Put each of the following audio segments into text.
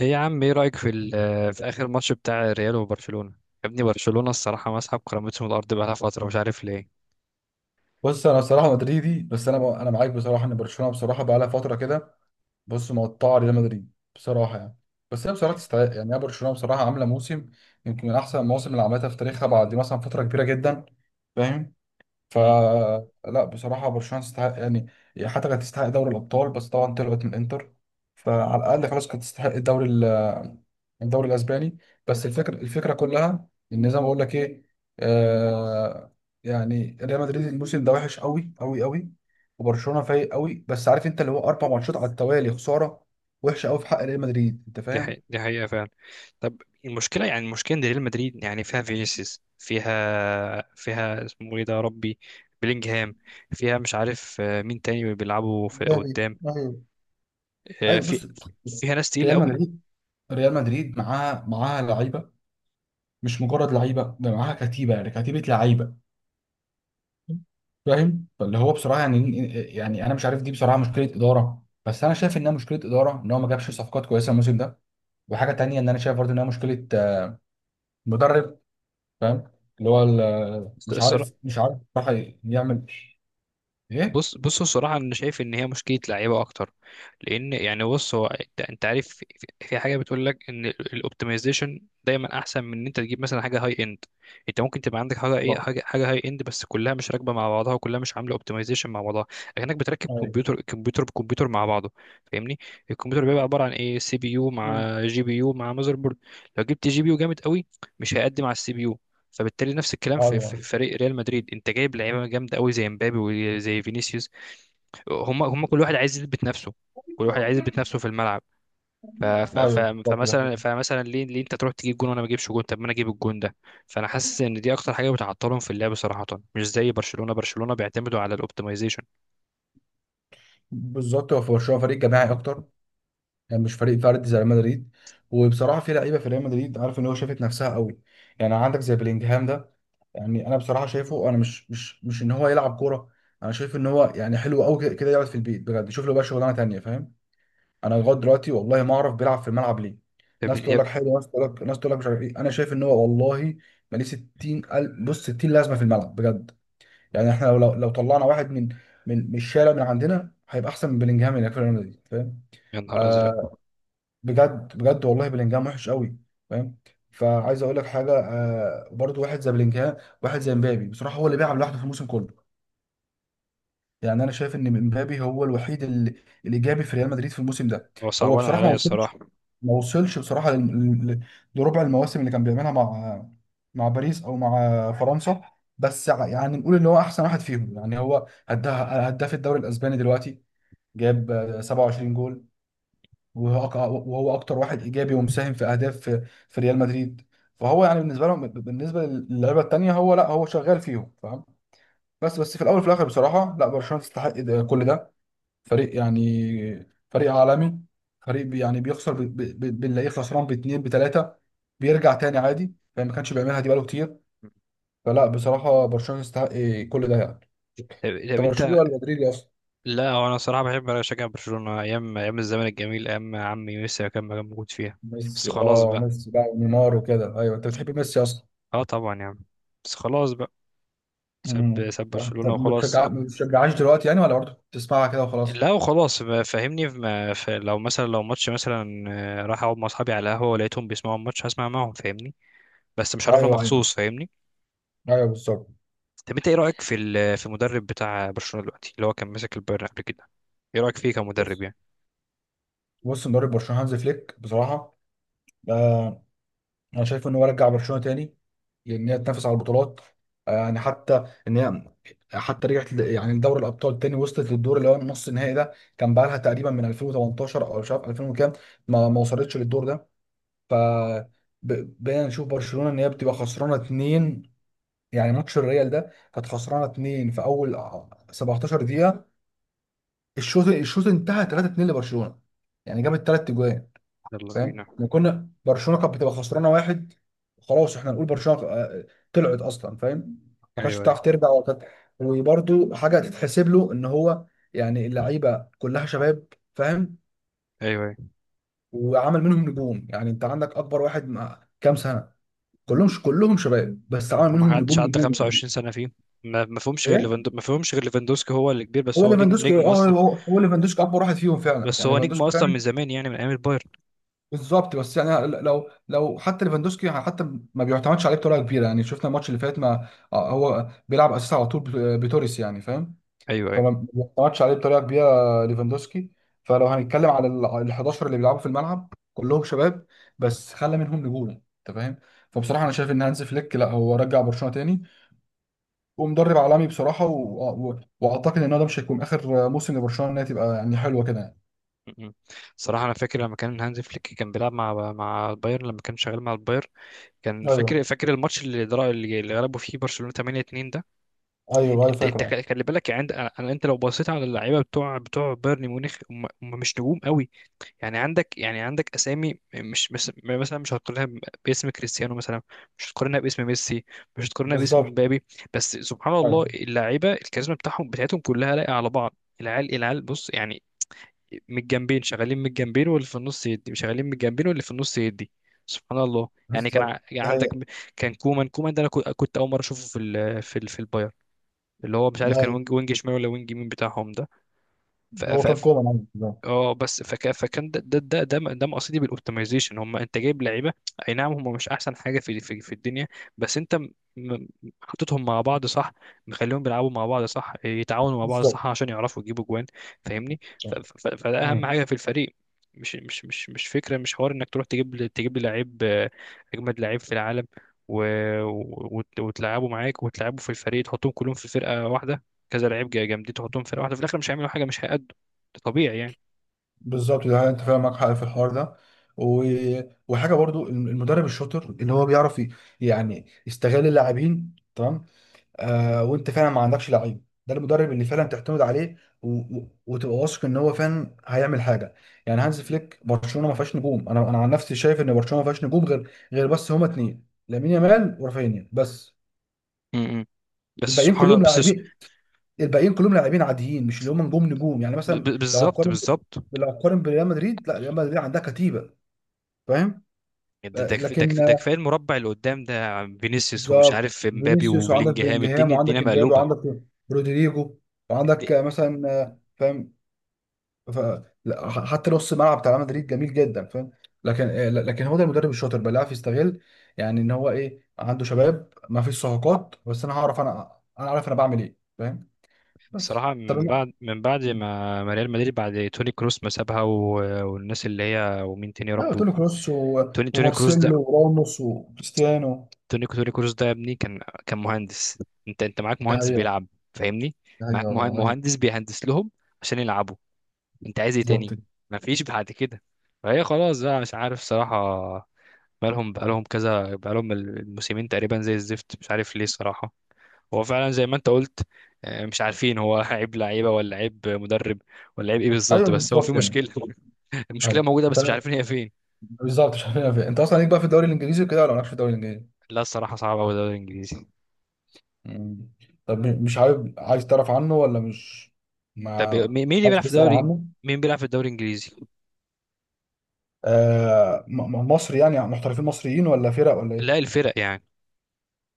ايه يا عم، ايه رأيك في اخر ماتش بتاع ريال وبرشلونة؟ يا ابني، برشلونة الصراحة مسحب كرامتهم. الارض بقالها فترة، مش عارف ليه. بص، انا بصراحه مدريدي، بس انا معاك بصراحه ان برشلونه بصراحه بقى لها فتره كده. بص، مقطعه ريال مدريد بصراحه، يعني بس هي بصراحه تستحق. يعني هي برشلونه بصراحه عامله موسم يمكن من احسن المواسم اللي عملتها في تاريخها بعد مثلا فتره كبيره جدا. فاهم؟ مم. فلا بصراحة برشلونة تستحق يعني. حتى كانت تستحق دوري الأبطال بس طبعا طلعت من الإنتر. فعلى الأقل خلاص كانت تستحق الدوري الأسباني. بس الفكرة، الفكرة كلها، إن زي ما بقول لك إيه، آه، يعني ريال مدريد الموسم ده وحش قوي قوي قوي، وبرشلونة فايق قوي. بس عارف أنت، اللي هو أربع ماتشات على التوالي خسارة وحشة قوي في حق ريال مدريد، أنت دي فاهم؟ حقيقة، دي حقيقة فعلا. طب المشكلة ان ريال مدريد يعني فيها فينيسيوس، فيها اسمه ايه ده يا ربي؟ بلينجهام. فيها مش عارف مين تاني بيلعبوا في مبابي، قدام؟ ايوه. آه، أيوه في بص، فيها ناس تقيلة ريال مدريد، ريال مدريد معاها لعيبة. مش مجرد لعيبه، ده معاها كتيبه، يعني كتيبه لعيبه. فاهم؟ فاللي هو بصراحه يعني، يعني انا مش عارف، دي بصراحه مشكله اداره. بس انا شايف انها مشكله اداره ان هو ما جابش صفقات كويسه الموسم ده. وحاجه تانية، ان انا شايف برضه انها مشكله مدرب. فاهم؟ اللي هو مش قوي. عارف مش عارف بصراحه يعمل ايه بص الصراحة أنا شايف إن هي مشكلة لعيبة أكتر. لأن يعني بص، هو أنت عارف في حاجة بتقول لك إن الأوبتمايزيشن دايما أحسن من إن أنت تجيب مثلا حاجة هاي إند. أنت ممكن تبقى عندك حاجة إيه، بالظبط. حاجة هاي إند بس كلها مش راكبة مع بعضها، وكلها مش عاملة أوبتمايزيشن مع بعضها. لكنك بتركب ايوه. كمبيوتر، كمبيوتر بكمبيوتر مع بعضه. فاهمني؟ الكمبيوتر بيبقى عبارة عن إيه، سي بي يو مم. مع جي بي يو مع ماذر بورد. لو جبت جي بي يو جامد قوي مش هيقدم على السي بي يو. فبالتالي نفس الكلام في ايوه، في فريق ريال مدريد، انت جايب لعيبه جامده قوي زي مبابي وزي فينيسيوس. هم كل واحد عايز يثبت نفسه، كل واحد عايز يثبت نفسه في الملعب. ف- ف- ف- ايوه، بالظبط، ده فمثلا حقيقي. فمثلا ليه انت تروح تجيب جون وانا ما اجيبش جون؟ طب ما انا اجيب الجون ده. فانا حاسس ان دي اكتر حاجه بتعطلهم في اللعب صراحه. مش زي برشلونه، برشلونه بيعتمدوا على الاوبتمايزيشن. بالظبط، هو في برشلونه فريق جماعي اكتر، يعني مش فريق فردي زي ريال مدريد. وبصراحه في لعيبه في ريال مدريد عارف ان هو شافت نفسها قوي. يعني عندك زي بلينجهام ده، يعني انا بصراحه شايفه، انا مش ان هو يلعب كوره. انا شايف ان هو يعني حلو قوي كده كده يقعد في البيت، بجد يشوف له بقى شغلانه تانيه. فاهم؟ انا لغايه دلوقتي والله ما اعرف بيلعب في الملعب ليه. طب ناس يا تقول ب- لك حلو، ناس تقول لك مش عارف ايه. انا شايف ان هو والله ماليه 60. بص، 60 لازمه في الملعب بجد. يعني احنا لو طلعنا واحد من من الشارع من عندنا هيبقى احسن من بلينجهام اللي في ريال مدريد. فاهم؟ يا نهار آه، ازرق! بجد بجد، والله بلينجهام وحش قوي. فاهم؟ فعايز اقول لك حاجه، آه، برضو واحد زي بلينجهام، واحد زي مبابي بصراحه هو اللي بيلعب لوحده في الموسم كله. يعني انا شايف ان مبابي هو الوحيد الايجابي في ريال مدريد في الموسم ده. هو هو صعبان بصراحه ما عليا وصلش، الصراحه. طب, ما وصلش بصراحه لربع المواسم اللي كان بيعملها مع، مع باريس او مع فرنسا. بس يعني نقول ان هو احسن واحد فيهم. يعني هو هداف الدوري الاسباني دلوقتي، جاب 27 جول. وهو أك- وهو اكتر واحد ايجابي ومساهم في اهداف في، في ريال مدريد. فهو يعني بالنسبه لهم، بالنسبه للعيبه التانيه، هو لا، هو شغال فيهم. فاهم؟ بس، بس في الاول وفي الاخر بصراحه لا، برشلونه تستحق ده كل ده. فريق يعني فريق عالمي. فريق يعني بيخسر بنلاقيه خسران باتنين بتلاته، بيرجع تاني عادي. فما كانش بيعملها دي بقاله كتير. فلا بصراحه برشلونه تستحق كل ده يعني. طب انت برشلونه انت، ولا مدريدي اصلا؟ لا هو انا صراحه بحب اشجع برشلونه ايام، ايام الزمن الجميل، ايام عمي ميسي كان موجود فيها. بس ميسي، خلاص اه، بقى. ميسي بقى ونيمار وكده. ايوه، انت بتحب ميسي اصلا. اه طبعا يا عم. بس خلاص بقى. ساب مم. ساب برشلونة طب ما وخلاص. بتشجع، ما بتشجعهاش دلوقتي يعني، ولا برضه بتسمعها كده وخلاص؟ لا وخلاص فاهمني، ما ف... لو ماتش مثلا، راح اقعد مع اصحابي على القهوة ولقيتهم بيسمعوا الماتش هسمع معاهم. فاهمني؟ بس مش هروح له ايوه، ايوه. مخصوص. فاهمني؟ ايوه، بالظبط. طب انت ايه رأيك في ال... في المدرب بتاع برشلونة دلوقتي، اللي هو كان ماسك البايرن قبل كده؟ ايه رأيك فيه كمدرب بص، يعني؟ بص، مدرب برشلونه هانز فليك بصراحه، آه، انا شايف ان هو رجع برشلونه تاني، لان هي تنافس على البطولات. آه يعني حتى ان هي، حتى رجعت يعني لدوري الابطال تاني، وصلت للدور اللي هو النص النهائي ده. كان بقى لها تقريبا من 2018 او مش عارف 2000 وكام ما، ما وصلتش للدور ده. ف، بقينا نشوف برشلونه ان هي بتبقى خسرانه اتنين. يعني ماتش الريال ده كانت خسرانه 2 في اول 17 دقيقه. الشوط مم. الشوط انتهى 3-2 لبرشلونه. يعني جابت ثلاث اجوان. يلا فاهم؟ بينا. احنا كنا، برشلونه كانت بتبقى خسرانه واحد، خلاص احنا نقول برشلونه طلعت اصلا. فاهم؟ ما كانتش ايوه، ايوه، بتعرف ترجع. وكانت، وبرده حاجه تتحسب له ان هو يعني اللعيبه كلها شباب. فاهم؟ ايوه، ايوه. وعمل منهم نجوم. يعني انت عندك اكبر واحد مع كام سنه؟ كلهم شباب، بس عمل ما منهم حدش نجوم عدى نجوم. 25 سنة فيه. ما فيهمش غير يعني ليفاندو ما فيهمش غير ليفاندوسكي هو اللي كبير، بس هو هو نجم، ليفاندوسكي، نجم هو اصلا. هو هو ليفاندوسكي اكبر واحد فيهم فعلا. بس يعني هو نجم ليفاندوسكي اصلا فعلا. من زمان، يعني من ايام البايرن. بالظبط، بس يعني لو، لو حتى ليفاندوسكي يعني حتى ما بيعتمدش عليه بطريقه كبيره. يعني شفنا الماتش اللي فات، ما هو بيلعب اساسي على طول بتوريس. يعني فاهم؟ ايوه، ايوه. فما بيعتمدش عليه بطريقه كبيره ليفاندوسكي. فلو هنتكلم على ال 11 اللي بيلعبوا في الملعب كلهم شباب، بس خلى منهم نجوم. انت فاهم؟ فبصراحه انا شايف ان هانز فليك لا، هو رجع برشلونه تاني، ومدرب عالمي بصراحه. واعتقد ان هو ده مش هيكون اخر موسم لبرشلونه انها تبقى يعني حلوه كده يعني. م- م. صراحة أنا فاكر لما كان هانز فليك كان بيلعب مع البايرن، لما كان شغال مع البايرن، كان فاكر ايوه، فاكر الماتش اللي درا اللي اللي غلبوا فيه برشلونة 8-2 ده. ايوه. ايوه أنت فاكره أنت أيوة. خ- خلي بالك، عند أنا، أنت لو بصيت على اللعيبة بتوع بايرن ميونخ، هم مش نجوم قوي. يعني عندك أسامي مش مثلا، مش هتقارنها باسم كريستيانو مثلا، مش هتقارنها باسم ميسي، مش هتقارنها باسم بالظبط. مبابي. بس سبحان ايوه، الله، اللعيبة، الكاريزما بتاعتهم كلها لايقة على بعض. العيال بص يعني، من الجنبين شغالين، من الجنبين واللي في النص يدي، شغالين من الجنبين واللي في النص يدي. سبحان الله. يعني كان ع- بالظبط، يعني ده هي. عندك، كان كومان ده، انا كنت اول مره اشوفه في البايرن، اللي هو مش عارف كان ايوه، وينج شمال ولا وينج يمين بتاعهم ده. هو كان كوما عندي بالظبط. اه بس فكان ده ده مقصدي بالاوبتمايزيشن. هم انت جايب لعيبه، اي نعم هم مش احسن حاجه في الدنيا، بس انت م- حطيتهم مع بعض صح، مخليهم بيلعبوا مع بعض صح، يتعاونوا مع بعض بالظبط. صح عشان يعرفوا يجيبوا جوان. فاهمني؟ ف... صح. ف... فده اهم مم. حاجه في الفريق. مش فكره، مش حوار انك تروح تجيب لي لعيب، اجمد لعيب في العالم، و... وتلعبه معاك وتلعبه في الفريق، تحطهم كلهم في فرقه واحده. كذا لعيب جامدين تحطهم في فرقه واحده، في الاخر مش هيعملوا حاجه، مش هيأدوا. ده طبيعي يعني. بالظبط، ده هي. انت فاهم، معاك حق في الحوار ده. و... وحاجه برضو، المدرب الشاطر اللي هو بيعرف يعني يستغل اللاعبين تمام. آه، وانت فعلا ما عندكش لعيب، ده المدرب اللي فعلا تعتمد عليه وتبقى واثق ان هو فعلا هيعمل حاجه. يعني هانز فليك برشلونه ما فيهاش نجوم. انا عن نفسي شايف ان برشلونه ما فيهاش نجوم، غير بس هما اتنين، لامين يامال ورافينيا بس. م- م. بس الباقيين سبحان الله. كلهم لاعبين. الباقيين كلهم لاعبين عاديين، مش اللي هم نجوم نجوم. يعني ب- مثلا ب- لو بالظبط هقارن، بالظبط لو هقارن بريال مدريد، لا ريال مدريد عندها كتيبه. فاهم؟ ده آه، ده كف- ده لكن، كف- ده آه، كفايه المربع اللي قدام ده، عم فينيسيوس ومش بالظبط. عارف مبابي فينيسيوس، وعندك وبلينجهام، بلينجهام، الدنيا الدنيا وعندك امبابي، مقلوبه. وعندك رودريجو، الد- وعندك مثلا، فاهم؟ ف... لا، حتى نص الملعب بتاع ريال مدريد جميل جدا. فاهم؟ لكن، لكن هو ده المدرب الشاطر بقى اللي عارف يستغل. يعني ان هو ايه، عنده شباب، ما فيش صفقات، بس انا هعرف، انا عارف انا بعمل ايه. فاهم؟ بس صراحه، طب، من بعد ما ريال مدريد بعد توني كروس ما سابها والناس اللي هي ومين تاني يا ايوه. رب قلت له كروس، توني توني كروس ده ومارسيلو وراموس وكريستيانو. توني كروس ده يا ابني كان، كان مهندس. انت معاك ده مهندس هي. بيلعب. فاهمني؟ ده هي معاك والله هي. مهندس بيهندس لهم عشان يلعبوا. انت عايز ايه بالظبط تاني؟ كده. ما فيش بعد كده. فهي خلاص بقى، مش عارف صراحة. بقالهم كذا، الموسمين تقريبا زي الزفت، مش عارف ليه الصراحة. هو فعلا زي ما انت قلت، مش عارفين هو عيب لعيبة ولا عيب مدرب ولا عيب ايه ايوه، بالظبط، بس هو في بالظبط يعني. مشكلة. المشكلة ايوه. موجودة انت بس مش عارفين هي فين. بالظبط مش عارف فين. انت اصلا ليك بقى في الدوري الانجليزي وكده، ولا مالكش في الدوري الانجليزي؟ لا الصراحة صعب أوي الدوري الإنجليزي. مم. طب مش عارف، عايز تعرف عنه ولا مش ما طب مين اللي عايز بيلعب في تسأل الدوري؟ عنه؟ مين بيلعب في الدوري الإنجليزي؟ آه، مصر يعني، محترفين مصريين ولا فرق ولا لا ايه؟ الفرق يعني.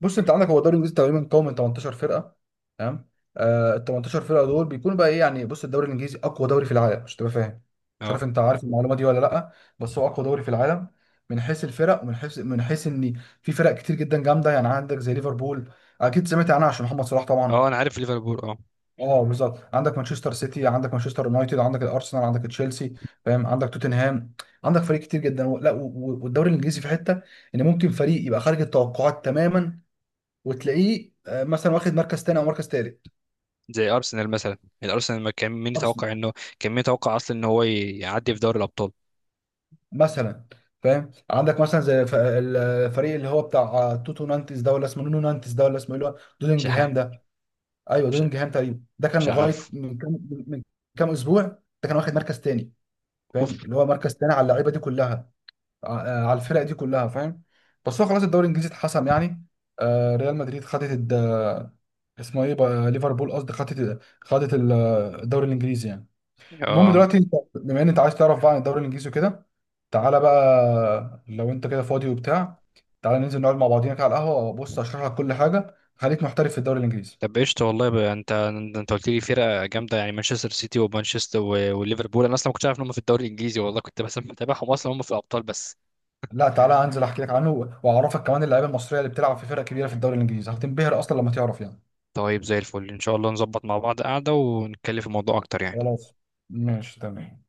بص، انت عندك هو الدوري الانجليزي تقريبا قوي من 18 فرقه. تمام؟ آه، ال 18 فرقه دول بيكونوا بقى ايه يعني؟ بص، الدوري الانجليزي اقوى دوري في العالم، مش تبقى فاهم. مش اه، عارف انت عارف المعلومه دي ولا لا، بس هو اقوى دوري في العالم، من حيث الفرق، ومن حيث، من حيث ان في فرق كتير جدا جامده. يعني عندك زي ليفربول، اكيد سمعت عنها عشان محمد صلاح طبعا. اه، أنا عارف ليفربول، اه. اه، بالظبط. عندك مانشستر سيتي، عندك مانشستر يونايتد، عندك الارسنال، عندك تشيلسي، فاهم؟ عندك توتنهام، عندك فريق كتير جدا. لا، والدوري الانجليزي في حته ان ممكن فريق يبقى خارج التوقعات تماما، وتلاقيه مثلا واخد مركز تاني او مركز تالت. زي أرسنال مثلا، الأرسنال ما كان مين ارسنال يتوقع إنه، كان مين يتوقع أصلا إن هو يعدي في دوري الأبطال. مثلا. فاهم؟ عندك مثلا زي الفريق اللي هو بتاع توتو نانتس ده، ولا اسمه نونو نانتس ده، ولا اسمه ايه اللي هو مش دودنجهام عارف. ده؟ ايوه، مش دودنجهام تقريبا ده كان مش لغايه عارف. من كام، من كام اسبوع ده كان واخد مركز تاني. اوف. فاهم؟ اللي هو مركز تاني على اللعيبه دي كلها، على الفرق دي كلها. فاهم؟ بس هو خلاص الدوري الانجليزي اتحسم يعني. ريال مدريد خدت اسمه ايه بقى، ليفربول قصدي، خدت، خدت الدوري الانجليزي يعني. المهم اه، دلوقتي انت بما ان انت عايز تعرف بقى عن الدوري الانجليزي وكده، تعالى بقى لو انت كده فاضي وبتاع، تعالى ننزل نقعد مع بعضينا كده على القهوه، بص اشرح لك كل حاجه، خليك محترف في الدوري الانجليزي. طب قشطة والله بقى. انت قلت لي فرقة جامدة، يعني مانشستر سيتي، ومانشستر وليفربول. انا اصلا ما كنتش عارف ان هم في الدوري الانجليزي، والله كنت بس متابعهم اصلا هم في الابطال بس. لا تعالى انزل احكي لك عنه، واعرفك كمان اللعيبه المصريه اللي بتلعب في فرق كبيره في الدوري الانجليزي، هتنبهر اصلا لما تعرف يعني. طيب زي الفل ان شاء الله نظبط مع بعض قعدة ونتكلم في الموضوع اكتر يعني. خلاص، ماشي، تمام.